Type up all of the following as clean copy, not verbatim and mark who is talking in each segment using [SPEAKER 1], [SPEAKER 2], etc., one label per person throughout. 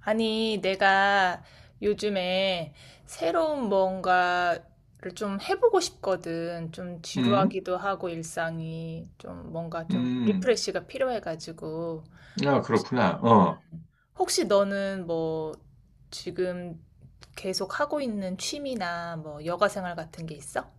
[SPEAKER 1] 아니, 내가 요즘에 새로운 뭔가를 좀 해보고 싶거든. 좀
[SPEAKER 2] 음,
[SPEAKER 1] 지루하기도 하고 일상이 좀 뭔가 좀
[SPEAKER 2] 음,
[SPEAKER 1] 리프레시가 필요해가지고.
[SPEAKER 2] 아, 그렇구나.
[SPEAKER 1] 응.
[SPEAKER 2] 어,
[SPEAKER 1] 혹시 너는 뭐 지금 계속 하고 있는 취미나 뭐 여가 생활 같은 게 있어?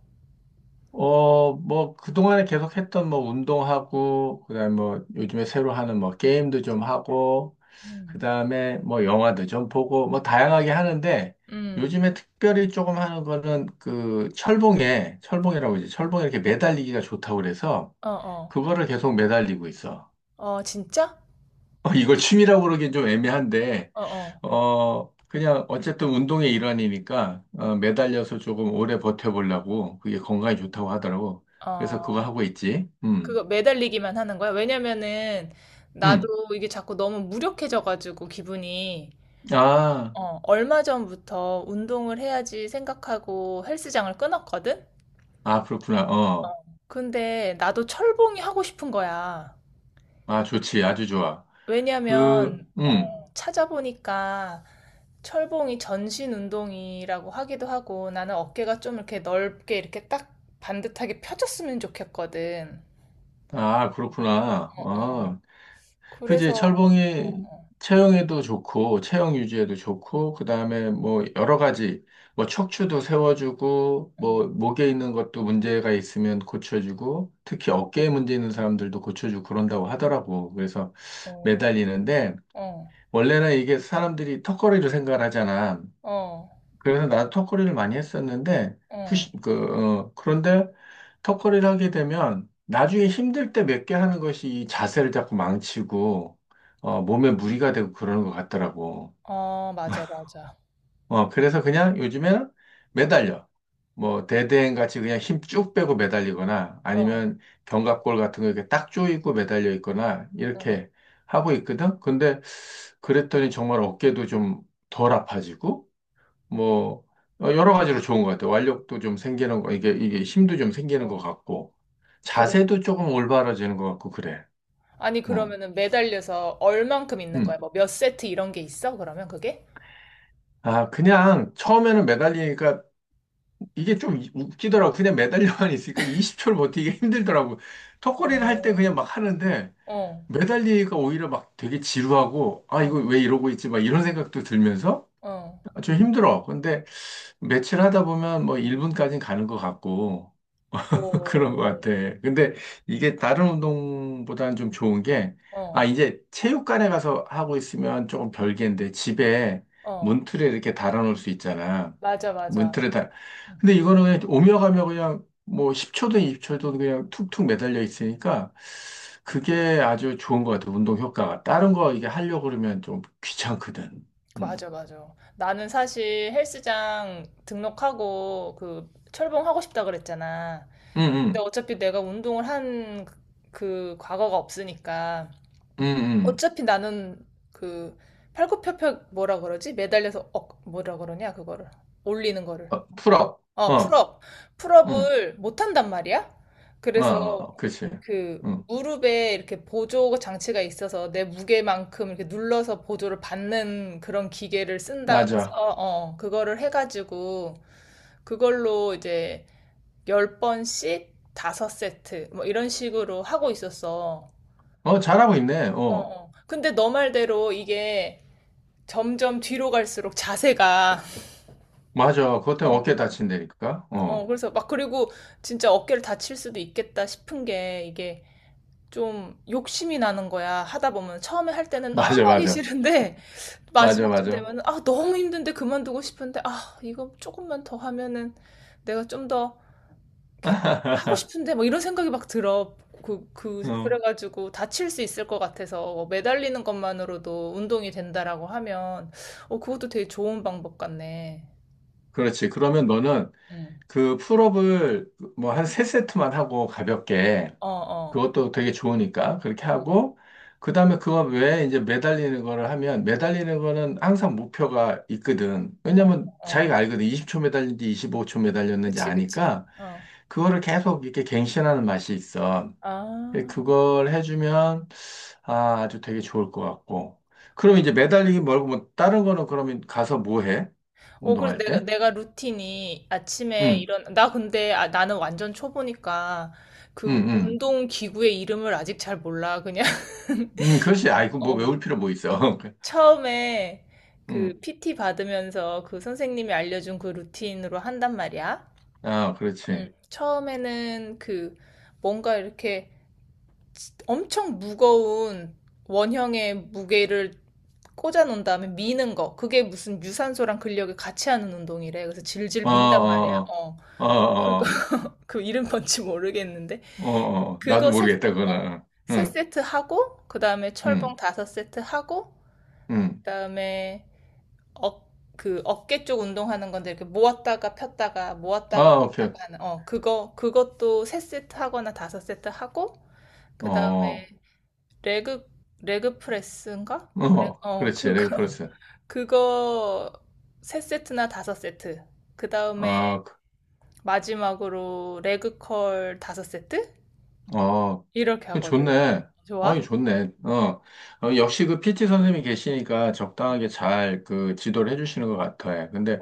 [SPEAKER 2] 어, 뭐, 그동안에 계속 했던 뭐, 운동하고, 그 다음에 뭐, 요즘에 새로 하는 뭐, 게임도 좀 하고,
[SPEAKER 1] 음.
[SPEAKER 2] 그 다음에 뭐, 영화도 좀 보고, 뭐, 다양하게 하는데,
[SPEAKER 1] 음.
[SPEAKER 2] 요즘에 특별히 조금 하는 거는 그, 철봉에, 철봉이라고 이제 철봉에 이렇게 매달리기가 좋다고 그래서,
[SPEAKER 1] 어, 어.
[SPEAKER 2] 그거를 계속 매달리고 있어.
[SPEAKER 1] 어, 진짜?
[SPEAKER 2] 어, 이걸 취미라고 그러긴 좀 애매한데,
[SPEAKER 1] 어, 어.
[SPEAKER 2] 어, 그냥 어쨌든 운동의 일환이니까, 어, 매달려서 조금 오래 버텨보려고, 그게 건강에 좋다고 하더라고. 그래서 그거
[SPEAKER 1] 어.
[SPEAKER 2] 하고 있지.
[SPEAKER 1] 그거 매달리기만 하는 거야? 왜냐면은 나도
[SPEAKER 2] 음.
[SPEAKER 1] 이게 자꾸 너무 무력해져가지고 기분이
[SPEAKER 2] 아,
[SPEAKER 1] 얼마 전부터 운동을 해야지 생각하고 헬스장을 끊었거든?
[SPEAKER 2] 아, 그렇구나. 어,
[SPEAKER 1] 근데 나도 철봉이 하고 싶은 거야.
[SPEAKER 2] 아, 좋지. 아주 좋아. 그,
[SPEAKER 1] 왜냐면 찾아보니까 철봉이 전신 운동이라고 하기도 하고 나는 어깨가 좀 이렇게 넓게 이렇게 딱 반듯하게 펴졌으면 좋겠거든.
[SPEAKER 2] 아, 그렇구나.
[SPEAKER 1] 어, 어.
[SPEAKER 2] 어, 그지?
[SPEAKER 1] 그래서
[SPEAKER 2] 철봉이
[SPEAKER 1] 어,
[SPEAKER 2] 체형에도 좋고, 체형 유지에도 좋고, 그 다음에 뭐 여러 가지, 뭐 척추도 세워주고,
[SPEAKER 1] 응.
[SPEAKER 2] 뭐 목에 있는 것도 문제가 있으면 고쳐주고, 특히 어깨에 문제 있는 사람들도 고쳐주고 그런다고 하더라고. 그래서
[SPEAKER 1] 어,
[SPEAKER 2] 매달리는데,
[SPEAKER 1] 어.
[SPEAKER 2] 원래는 이게 사람들이 턱걸이로 생각을 하잖아.
[SPEAKER 1] 어.
[SPEAKER 2] 그래서 나도 턱걸이를 많이 했었는데,
[SPEAKER 1] 어.
[SPEAKER 2] 푸시, 그, 어, 그런데 턱걸이를 하게 되면 나중에 힘들 때 몇 개 하는 것이 이 자세를 자꾸 망치고, 어, 몸에 무리가 되고 그러는 것 같더라고.
[SPEAKER 1] 아, 맞아, 맞아.
[SPEAKER 2] 어, 그래서 그냥 요즘에는 매달려. 뭐, 대대행 같이 그냥 힘 쭉 빼고 매달리거나
[SPEAKER 1] 어,
[SPEAKER 2] 아니면 견갑골 같은 거 이렇게 딱 조이고 매달려 있거나
[SPEAKER 1] 응,
[SPEAKER 2] 이렇게 하고 있거든? 근데 그랬더니 정말 어깨도 좀 덜 아파지고, 뭐 어, 여러 가지로 좋은 것 같아요. 완력도 좀 생기는 거, 이게 힘도 좀 생기는
[SPEAKER 1] 응.
[SPEAKER 2] 것 같고
[SPEAKER 1] 그래.
[SPEAKER 2] 자세도 조금 올바라지는 것 같고 그래.
[SPEAKER 1] 아니,
[SPEAKER 2] 응.
[SPEAKER 1] 그러면은 매달려서 얼만큼 있는 거야?
[SPEAKER 2] 응.
[SPEAKER 1] 뭐 몇 세트 이런 게 있어? 그러면 그게?
[SPEAKER 2] 아, 그냥 처음에는 매달리니까 이게 좀 웃기더라고. 그냥 매달려만 있으니까 20초를 버티기 힘들더라고. 턱걸이를 할 때
[SPEAKER 1] 어,
[SPEAKER 2] 그냥 막 하는데
[SPEAKER 1] 어,
[SPEAKER 2] 매달리니까 오히려 막 되게 지루하고 아, 이거
[SPEAKER 1] 어,
[SPEAKER 2] 왜 이러고 있지? 막 이런 생각도 들면서
[SPEAKER 1] 어.
[SPEAKER 2] 아, 좀 힘들어. 근데 며칠 하다 보면 뭐 1분까지 가는 것 같고
[SPEAKER 1] 오,
[SPEAKER 2] 그런 것 같아. 근데 이게 다른 운동보다는 좀 좋은 게, 아,
[SPEAKER 1] 어,
[SPEAKER 2] 이제 체육관에 가서 하고 있으면 조금 별개인데, 집에
[SPEAKER 1] 어.
[SPEAKER 2] 문틀에 이렇게 달아놓을 수 있잖아.
[SPEAKER 1] 맞아, 맞아.
[SPEAKER 2] 문틀에 달.
[SPEAKER 1] 음,
[SPEAKER 2] 근데 이거는 그냥 오며 가며 그냥 뭐 10초든 20초든 그냥 툭툭 매달려 있으니까, 그게 아주 좋은 것 같아. 운동 효과가. 다른 거 이게 하려고 그러면 좀 귀찮거든.
[SPEAKER 1] 그
[SPEAKER 2] 음.
[SPEAKER 1] 맞아, 맞아. 나는 사실 헬스장 등록하고 그 철봉하고 싶다 그랬잖아.
[SPEAKER 2] 응,
[SPEAKER 1] 근데
[SPEAKER 2] 응,
[SPEAKER 1] 어차피 내가 운동을 한그 그 과거가 없으니까.
[SPEAKER 2] 응, 응.
[SPEAKER 1] 어차피 나는 그 팔굽혀펴 뭐라 그러지? 매달려서 억 뭐라 그러냐 그거를 올리는 거를
[SPEAKER 2] 어, 풀업.
[SPEAKER 1] 어
[SPEAKER 2] 어,
[SPEAKER 1] 풀업
[SPEAKER 2] 응,
[SPEAKER 1] 풀업을 못 한단 말이야.
[SPEAKER 2] 어,
[SPEAKER 1] 그래서
[SPEAKER 2] 어, 그렇지.
[SPEAKER 1] 그
[SPEAKER 2] 응,
[SPEAKER 1] 무릎에 이렇게 보조 장치가 있어서 내 무게만큼 이렇게 눌러서 보조를 받는 그런 기계를 쓴다. 어,
[SPEAKER 2] 맞아.
[SPEAKER 1] 어 그거를 해가지고 그걸로 이제 10번씩 5세트 뭐 이런 식으로 하고 있었어.
[SPEAKER 2] 어, 잘하고 있네.
[SPEAKER 1] 어,
[SPEAKER 2] 어,
[SPEAKER 1] 어. 근데 너 말대로 이게 점점 뒤로 갈수록 자세가
[SPEAKER 2] 맞아. 그것 때문에
[SPEAKER 1] 어.
[SPEAKER 2] 어깨 다친다니까.
[SPEAKER 1] 어
[SPEAKER 2] 어,
[SPEAKER 1] 그래서 막 그리고 진짜 어깨를 다칠 수도 있겠다 싶은 게 이게 좀 욕심이 나는 거야 하다 보면 처음에 할 때는 너무
[SPEAKER 2] 맞아,
[SPEAKER 1] 하기
[SPEAKER 2] 맞아.
[SPEAKER 1] 싫은데
[SPEAKER 2] 맞아,
[SPEAKER 1] 마지막쯤
[SPEAKER 2] 맞아.
[SPEAKER 1] 되면은 아 너무 힘든데 그만두고 싶은데 아 이거 조금만 더 하면은 내가 좀 더 이렇게 하고 싶은데 뭐 이런 생각이 막 들어
[SPEAKER 2] 어,
[SPEAKER 1] 그래가지고 다칠 수 있을 것 같아서 뭐 매달리는 것만으로도 운동이 된다라고 하면 어 그것도 되게 좋은 방법 같네.
[SPEAKER 2] 그렇지. 그러면 너는
[SPEAKER 1] 음.
[SPEAKER 2] 그 풀업을 뭐 한 세세트만 하고 가볍게
[SPEAKER 1] 어, 어,
[SPEAKER 2] 그것도 되게 좋으니까 그렇게
[SPEAKER 1] 어, 어,
[SPEAKER 2] 하고 그 다음에 그거 외에 이제 매달리는 거를 하면 매달리는 거는 항상 목표가 있거든. 왜냐면
[SPEAKER 1] 어.
[SPEAKER 2] 자기가 알거든. 20초 매달린지 25초 매달렸는지
[SPEAKER 1] 그치, 그치.
[SPEAKER 2] 아니까
[SPEAKER 1] 어.
[SPEAKER 2] 그거를 계속 이렇게 갱신하는 맛이 있어.
[SPEAKER 1] 아.
[SPEAKER 2] 그걸 해주면 아, 아주 되게 좋을 것 같고. 그럼 이제 매달리기 말고 뭐 다른 거는 그러면 가서 뭐 해?
[SPEAKER 1] 어, 그래서
[SPEAKER 2] 운동할
[SPEAKER 1] 내가,
[SPEAKER 2] 때?
[SPEAKER 1] 내가 루틴이 아침에
[SPEAKER 2] 응,
[SPEAKER 1] 이런, 나 근데 아, 나는 완전 초보니까
[SPEAKER 2] 응,
[SPEAKER 1] 그
[SPEAKER 2] 응.
[SPEAKER 1] 운동 기구의 이름을 아직 잘 몰라. 그냥,
[SPEAKER 2] 응, 그렇지. 아 이, 거 뭐
[SPEAKER 1] 어,
[SPEAKER 2] 외울 필요 뭐
[SPEAKER 1] 어.
[SPEAKER 2] 있어.
[SPEAKER 1] 처음에
[SPEAKER 2] 응,
[SPEAKER 1] 그 PT 받으면서 그 선생님이 알려준 그 루틴으로 한단 말이야.
[SPEAKER 2] 아, 그렇지.
[SPEAKER 1] 처음에는 그 뭔가 이렇게 엄청 무거운 원형의 무게를 꽂아 놓은 다음에 미는 거. 그게 무슨 유산소랑 근력을 같이 하는 운동이래. 그래서 질질
[SPEAKER 2] 어,
[SPEAKER 1] 민단 말이야.
[SPEAKER 2] 어,
[SPEAKER 1] 어.
[SPEAKER 2] 어,
[SPEAKER 1] 그거
[SPEAKER 2] 어,
[SPEAKER 1] 그 이름 뭔지 모르겠는데
[SPEAKER 2] 어, 어, 어. 나도
[SPEAKER 1] 그거 세
[SPEAKER 2] 모르겠다,
[SPEAKER 1] 어.
[SPEAKER 2] 그거는.
[SPEAKER 1] 세
[SPEAKER 2] 응,
[SPEAKER 1] 세트 하고 그다음에 철봉
[SPEAKER 2] 응,
[SPEAKER 1] 5세트 하고
[SPEAKER 2] 응.
[SPEAKER 1] 그다음에 어, 그 어깨 쪽 운동하는 건데 이렇게 모았다가 폈다가 모았다가
[SPEAKER 2] 아, 오케이.
[SPEAKER 1] 폈다가 하는 어 그거 그것도 3세트 하거나 5세트 하고 그다음에
[SPEAKER 2] 어,
[SPEAKER 1] 레그 레그 프레스인가? 그래.
[SPEAKER 2] 어,
[SPEAKER 1] 어,
[SPEAKER 2] 그렇지.
[SPEAKER 1] 그거
[SPEAKER 2] 레그 프레스.
[SPEAKER 1] 그거 3세트나 5세트. 그 다음에
[SPEAKER 2] 아,
[SPEAKER 1] 마지막으로 레그컬 5세트?
[SPEAKER 2] 어.
[SPEAKER 1] 이렇게 하거든.
[SPEAKER 2] 좋네. 어이,
[SPEAKER 1] 좋아?
[SPEAKER 2] 좋네. 어. 어, 역시 그 PT 선생님이 계시니까 적당하게 잘 그 지도를 해주시는 것 같아. 근데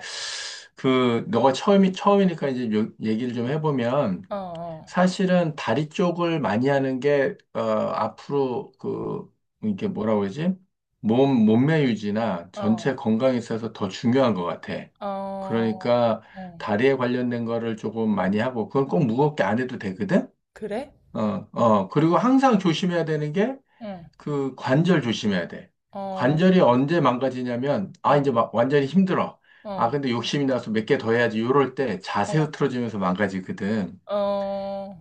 [SPEAKER 2] 그, 처음이니까 이제 얘기를 좀 해보면
[SPEAKER 1] 어, 어,
[SPEAKER 2] 사실은 다리 쪽을 많이 하는 게, 어, 앞으로 그, 이게 뭐라고 그러지? 몸매 유지나 전체 건강에 있어서 더 중요한 것 같아.
[SPEAKER 1] 어, 어,
[SPEAKER 2] 그러니까
[SPEAKER 1] 어.
[SPEAKER 2] 다리에 관련된 거를 조금 많이 하고, 그건 꼭 무겁게 안 해도 되거든?
[SPEAKER 1] 그래?
[SPEAKER 2] 어, 어, 그리고 항상 조심해야 되는 게
[SPEAKER 1] 응.
[SPEAKER 2] 그 관절 조심해야 돼. 관절이
[SPEAKER 1] 어,
[SPEAKER 2] 언제 망가지냐면, 아, 이제
[SPEAKER 1] 어,
[SPEAKER 2] 막 완전히 힘들어. 아,
[SPEAKER 1] 어,
[SPEAKER 2] 근데 욕심이 나서 몇 개 더 해야지. 요럴 때 자세
[SPEAKER 1] 어,
[SPEAKER 2] 흐트러지면서 망가지거든.
[SPEAKER 1] 어.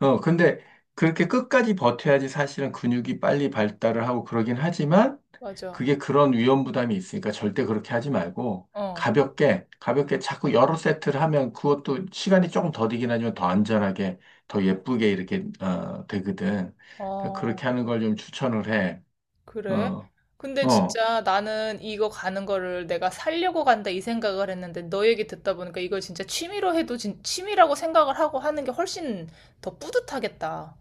[SPEAKER 2] 어, 근데 그렇게 끝까지 버텨야지 사실은 근육이 빨리 발달을 하고 그러긴 하지만
[SPEAKER 1] 맞아.
[SPEAKER 2] 그게 그런 위험 부담이 있으니까 절대 그렇게 하지 말고
[SPEAKER 1] 어,
[SPEAKER 2] 가볍게, 가볍게 자꾸 여러 세트를 하면 그것도 시간이 조금 더디긴 하지만 더 안전하게, 더 예쁘게 이렇게, 어, 되거든. 그러니까
[SPEAKER 1] 어.
[SPEAKER 2] 그렇게 하는 걸 좀 추천을 해.
[SPEAKER 1] 그래?
[SPEAKER 2] 어,
[SPEAKER 1] 근데
[SPEAKER 2] 어.
[SPEAKER 1] 진짜 나는 이거 가는 거를 내가 살려고 간다 이 생각을 했는데 너 얘기 듣다 보니까 이걸 진짜 취미로 해도 취미라고 생각을 하고 하는 게 훨씬 더 뿌듯하겠다.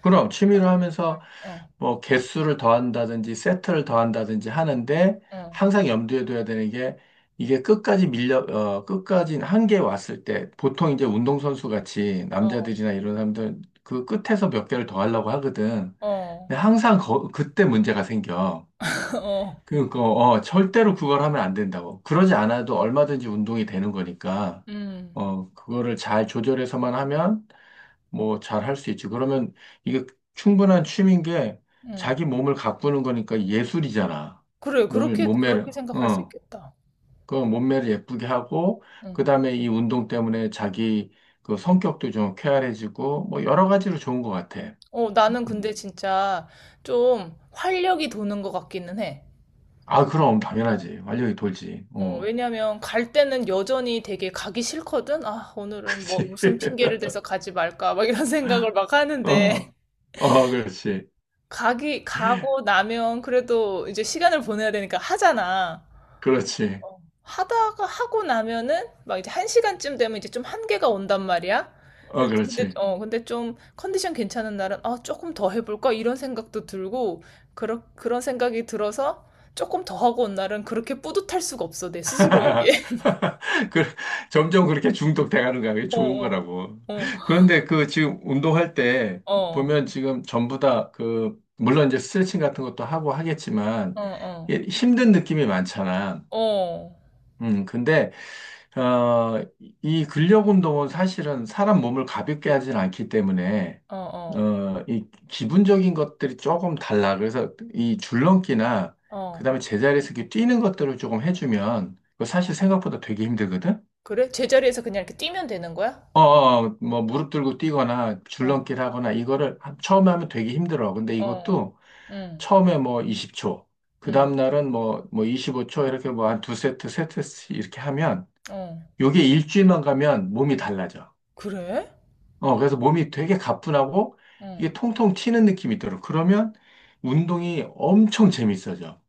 [SPEAKER 2] 그럼 취미로 하면서
[SPEAKER 1] 어,
[SPEAKER 2] 뭐 개수를 더한다든지 세트를 더한다든지 하는데
[SPEAKER 1] 어,
[SPEAKER 2] 항상 염두에 둬야 되는 게 이게 끝까지 밀려 어 끝까지 한계에 왔을 때 보통 이제 운동선수 같이
[SPEAKER 1] 어,
[SPEAKER 2] 남자들이나 이런 사람들 그 끝에서 몇 개를 더 하려고 하거든.
[SPEAKER 1] 어, 어,
[SPEAKER 2] 근데
[SPEAKER 1] 어,
[SPEAKER 2] 항상 그때 문제가 생겨.
[SPEAKER 1] 어,
[SPEAKER 2] 그러니까 어 절대로 그걸 하면 안 된다고. 그러지 않아도 얼마든지 운동이 되는 거니까
[SPEAKER 1] 음,
[SPEAKER 2] 어 그거를 잘 조절해서만 하면 뭐 잘 할 수 있지. 그러면 이게 충분한 취미인 게
[SPEAKER 1] 음.
[SPEAKER 2] 자기 몸을 가꾸는 거니까 예술이잖아.
[SPEAKER 1] 그래,
[SPEAKER 2] 몸매를,
[SPEAKER 1] 그렇게 생각할 수
[SPEAKER 2] 어,
[SPEAKER 1] 있겠다.
[SPEAKER 2] 그 몸매를 예쁘게 하고, 그
[SPEAKER 1] 음.
[SPEAKER 2] 다음에 이 운동 때문에 자기 그 성격도 좀 쾌활해지고, 뭐 여러 가지로 좋은 것 같아.
[SPEAKER 1] 어, 나는 근데
[SPEAKER 2] 음.
[SPEAKER 1] 진짜 좀 활력이 도는 것 같기는 해.
[SPEAKER 2] 아, 그럼 당연하지. 활력이 돌지.
[SPEAKER 1] 어,
[SPEAKER 2] 어.
[SPEAKER 1] 왜냐면 갈 때는 여전히 되게 가기 싫거든? 아,
[SPEAKER 2] 그
[SPEAKER 1] 오늘은 뭐
[SPEAKER 2] 지
[SPEAKER 1] 무슨 핑계를 대서 가지 말까? 막 이런 생각을 막 하는데
[SPEAKER 2] 어. 어, 그렇지.
[SPEAKER 1] 가기 가고 나면 그래도 이제 시간을 보내야 되니까 하잖아.
[SPEAKER 2] 그렇지.
[SPEAKER 1] 어, 하다가 하고 나면은 막 이제 1시간쯤 되면 이제 좀 한계가 온단 말이야.
[SPEAKER 2] 어,
[SPEAKER 1] 그래서 근데
[SPEAKER 2] 그렇지.
[SPEAKER 1] 어 근데 좀 컨디션 괜찮은 날은 아 조금 더 해볼까 이런 생각도 들고 그런 생각이 들어서 조금 더 하고 온 날은 그렇게 뿌듯할 수가 없어 내 스스로에게.
[SPEAKER 2] 그, 점점 그렇게 중독돼가는 거야. 그게
[SPEAKER 1] 어,
[SPEAKER 2] 좋은
[SPEAKER 1] 어.
[SPEAKER 2] 거라고.
[SPEAKER 1] 어.
[SPEAKER 2] 그런데 그 지금 운동할 때
[SPEAKER 1] 어,
[SPEAKER 2] 보면 지금 전부 다 그, 물론 이제 스트레칭 같은 것도 하고 하겠지만
[SPEAKER 1] 어, 어,
[SPEAKER 2] 이게 힘든 느낌이 많잖아.
[SPEAKER 1] 어,
[SPEAKER 2] 근데, 어, 이 근력 운동은 사실은 사람 몸을 가볍게 하진 않기 때문에,
[SPEAKER 1] 어,
[SPEAKER 2] 어, 이 기분적인 것들이 조금 달라. 그래서 이 줄넘기나
[SPEAKER 1] 어,
[SPEAKER 2] 그다음에 제자리에서 이렇게 뛰는 것들을 조금 해주면 그거 사실
[SPEAKER 1] 어.
[SPEAKER 2] 생각보다 되게 힘들거든.
[SPEAKER 1] 그래? 제자리에서 그냥 이렇게 뛰면 되는 거야?
[SPEAKER 2] 어, 어, 뭐, 무릎 들고 뛰거나
[SPEAKER 1] 어,
[SPEAKER 2] 줄넘기를 하거나 이거를 처음에 하면 되게 힘들어. 근데
[SPEAKER 1] 어,
[SPEAKER 2] 이것도
[SPEAKER 1] 응,
[SPEAKER 2] 처음에 뭐 20초, 그
[SPEAKER 1] 응,
[SPEAKER 2] 다음날은 뭐, 뭐 25초 이렇게 뭐 한 두 세트, 세 세트씩 이렇게 하면
[SPEAKER 1] 어.
[SPEAKER 2] 요게 일주일만 가면 몸이 달라져.
[SPEAKER 1] 그래?
[SPEAKER 2] 어, 그래서 몸이 되게 가뿐하고
[SPEAKER 1] 응.
[SPEAKER 2] 이게 통통 튀는 느낌이 들어. 그러면 운동이 엄청 재밌어져.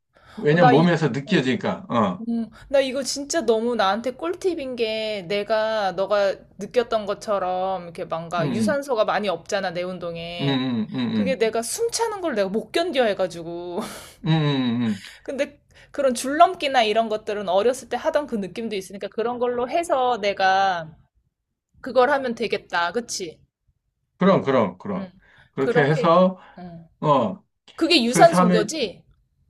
[SPEAKER 1] 어,
[SPEAKER 2] 왜냐면 몸에서
[SPEAKER 1] 어,
[SPEAKER 2] 느껴지니까, 어,
[SPEAKER 1] 나 이거 진짜 너무 나한테 꿀팁인 게 내가 너가 느꼈던 것처럼 이렇게 뭔가
[SPEAKER 2] 음,
[SPEAKER 1] 유산소가 많이 없잖아, 내
[SPEAKER 2] 음,
[SPEAKER 1] 운동에.
[SPEAKER 2] 음, 음,
[SPEAKER 1] 그게
[SPEAKER 2] 음,
[SPEAKER 1] 내가 숨 차는 걸 내가 못 견뎌 해가지고.
[SPEAKER 2] 음, 음, 음, 음.
[SPEAKER 1] 근데 그런 줄넘기나 이런 것들은 어렸을 때 하던 그 느낌도 있으니까 그런 걸로 해서 내가 그걸 하면 되겠다. 그치?
[SPEAKER 2] 그럼, 그럼,
[SPEAKER 1] 응.
[SPEAKER 2] 그럼. 그렇게
[SPEAKER 1] 그렇게,
[SPEAKER 2] 해서,
[SPEAKER 1] 응.
[SPEAKER 2] 어,
[SPEAKER 1] 그게
[SPEAKER 2] 그렇게 하면,
[SPEAKER 1] 유산소인거지?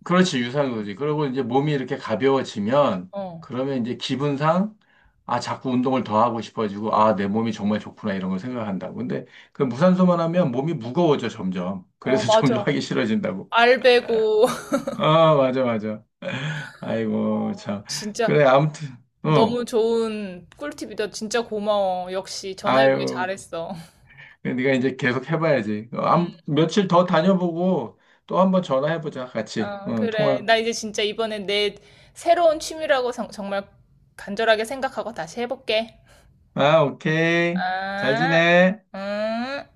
[SPEAKER 2] 그렇지, 유사한 거지. 그리고 이제 몸이 이렇게 가벼워지면,
[SPEAKER 1] 어.
[SPEAKER 2] 그러면 이제 기분상, 아, 자꾸 운동을 더 하고 싶어지고, 아, 내 몸이 정말 좋구나, 이런 걸 생각한다고. 근데 그 무산소만 하면 몸이 무거워져, 점점.
[SPEAKER 1] 어,
[SPEAKER 2] 그래서 점점
[SPEAKER 1] 맞아.
[SPEAKER 2] 하기 싫어진다고.
[SPEAKER 1] 알 베고.
[SPEAKER 2] 아, 맞아, 맞아. 아이고,
[SPEAKER 1] 어,
[SPEAKER 2] 참.
[SPEAKER 1] 진짜
[SPEAKER 2] 그래, 아무튼, 응.
[SPEAKER 1] 너무 좋은 꿀팁이다. 진짜 고마워. 역시 전화해보길
[SPEAKER 2] 아유,
[SPEAKER 1] 잘했어.
[SPEAKER 2] 네가 이제 계속 해봐야지. 어, 며칠 더 다녀보고, 또 한번 전화해보자, 같이.
[SPEAKER 1] 어,
[SPEAKER 2] 응,
[SPEAKER 1] 그래.
[SPEAKER 2] 통화.
[SPEAKER 1] 나 이제 진짜 이번에 내 새로운 취미라고 정말 간절하게 생각하고 다시 해볼게.
[SPEAKER 2] 아, 오케이. 잘
[SPEAKER 1] 아,
[SPEAKER 2] 지내.
[SPEAKER 1] 음.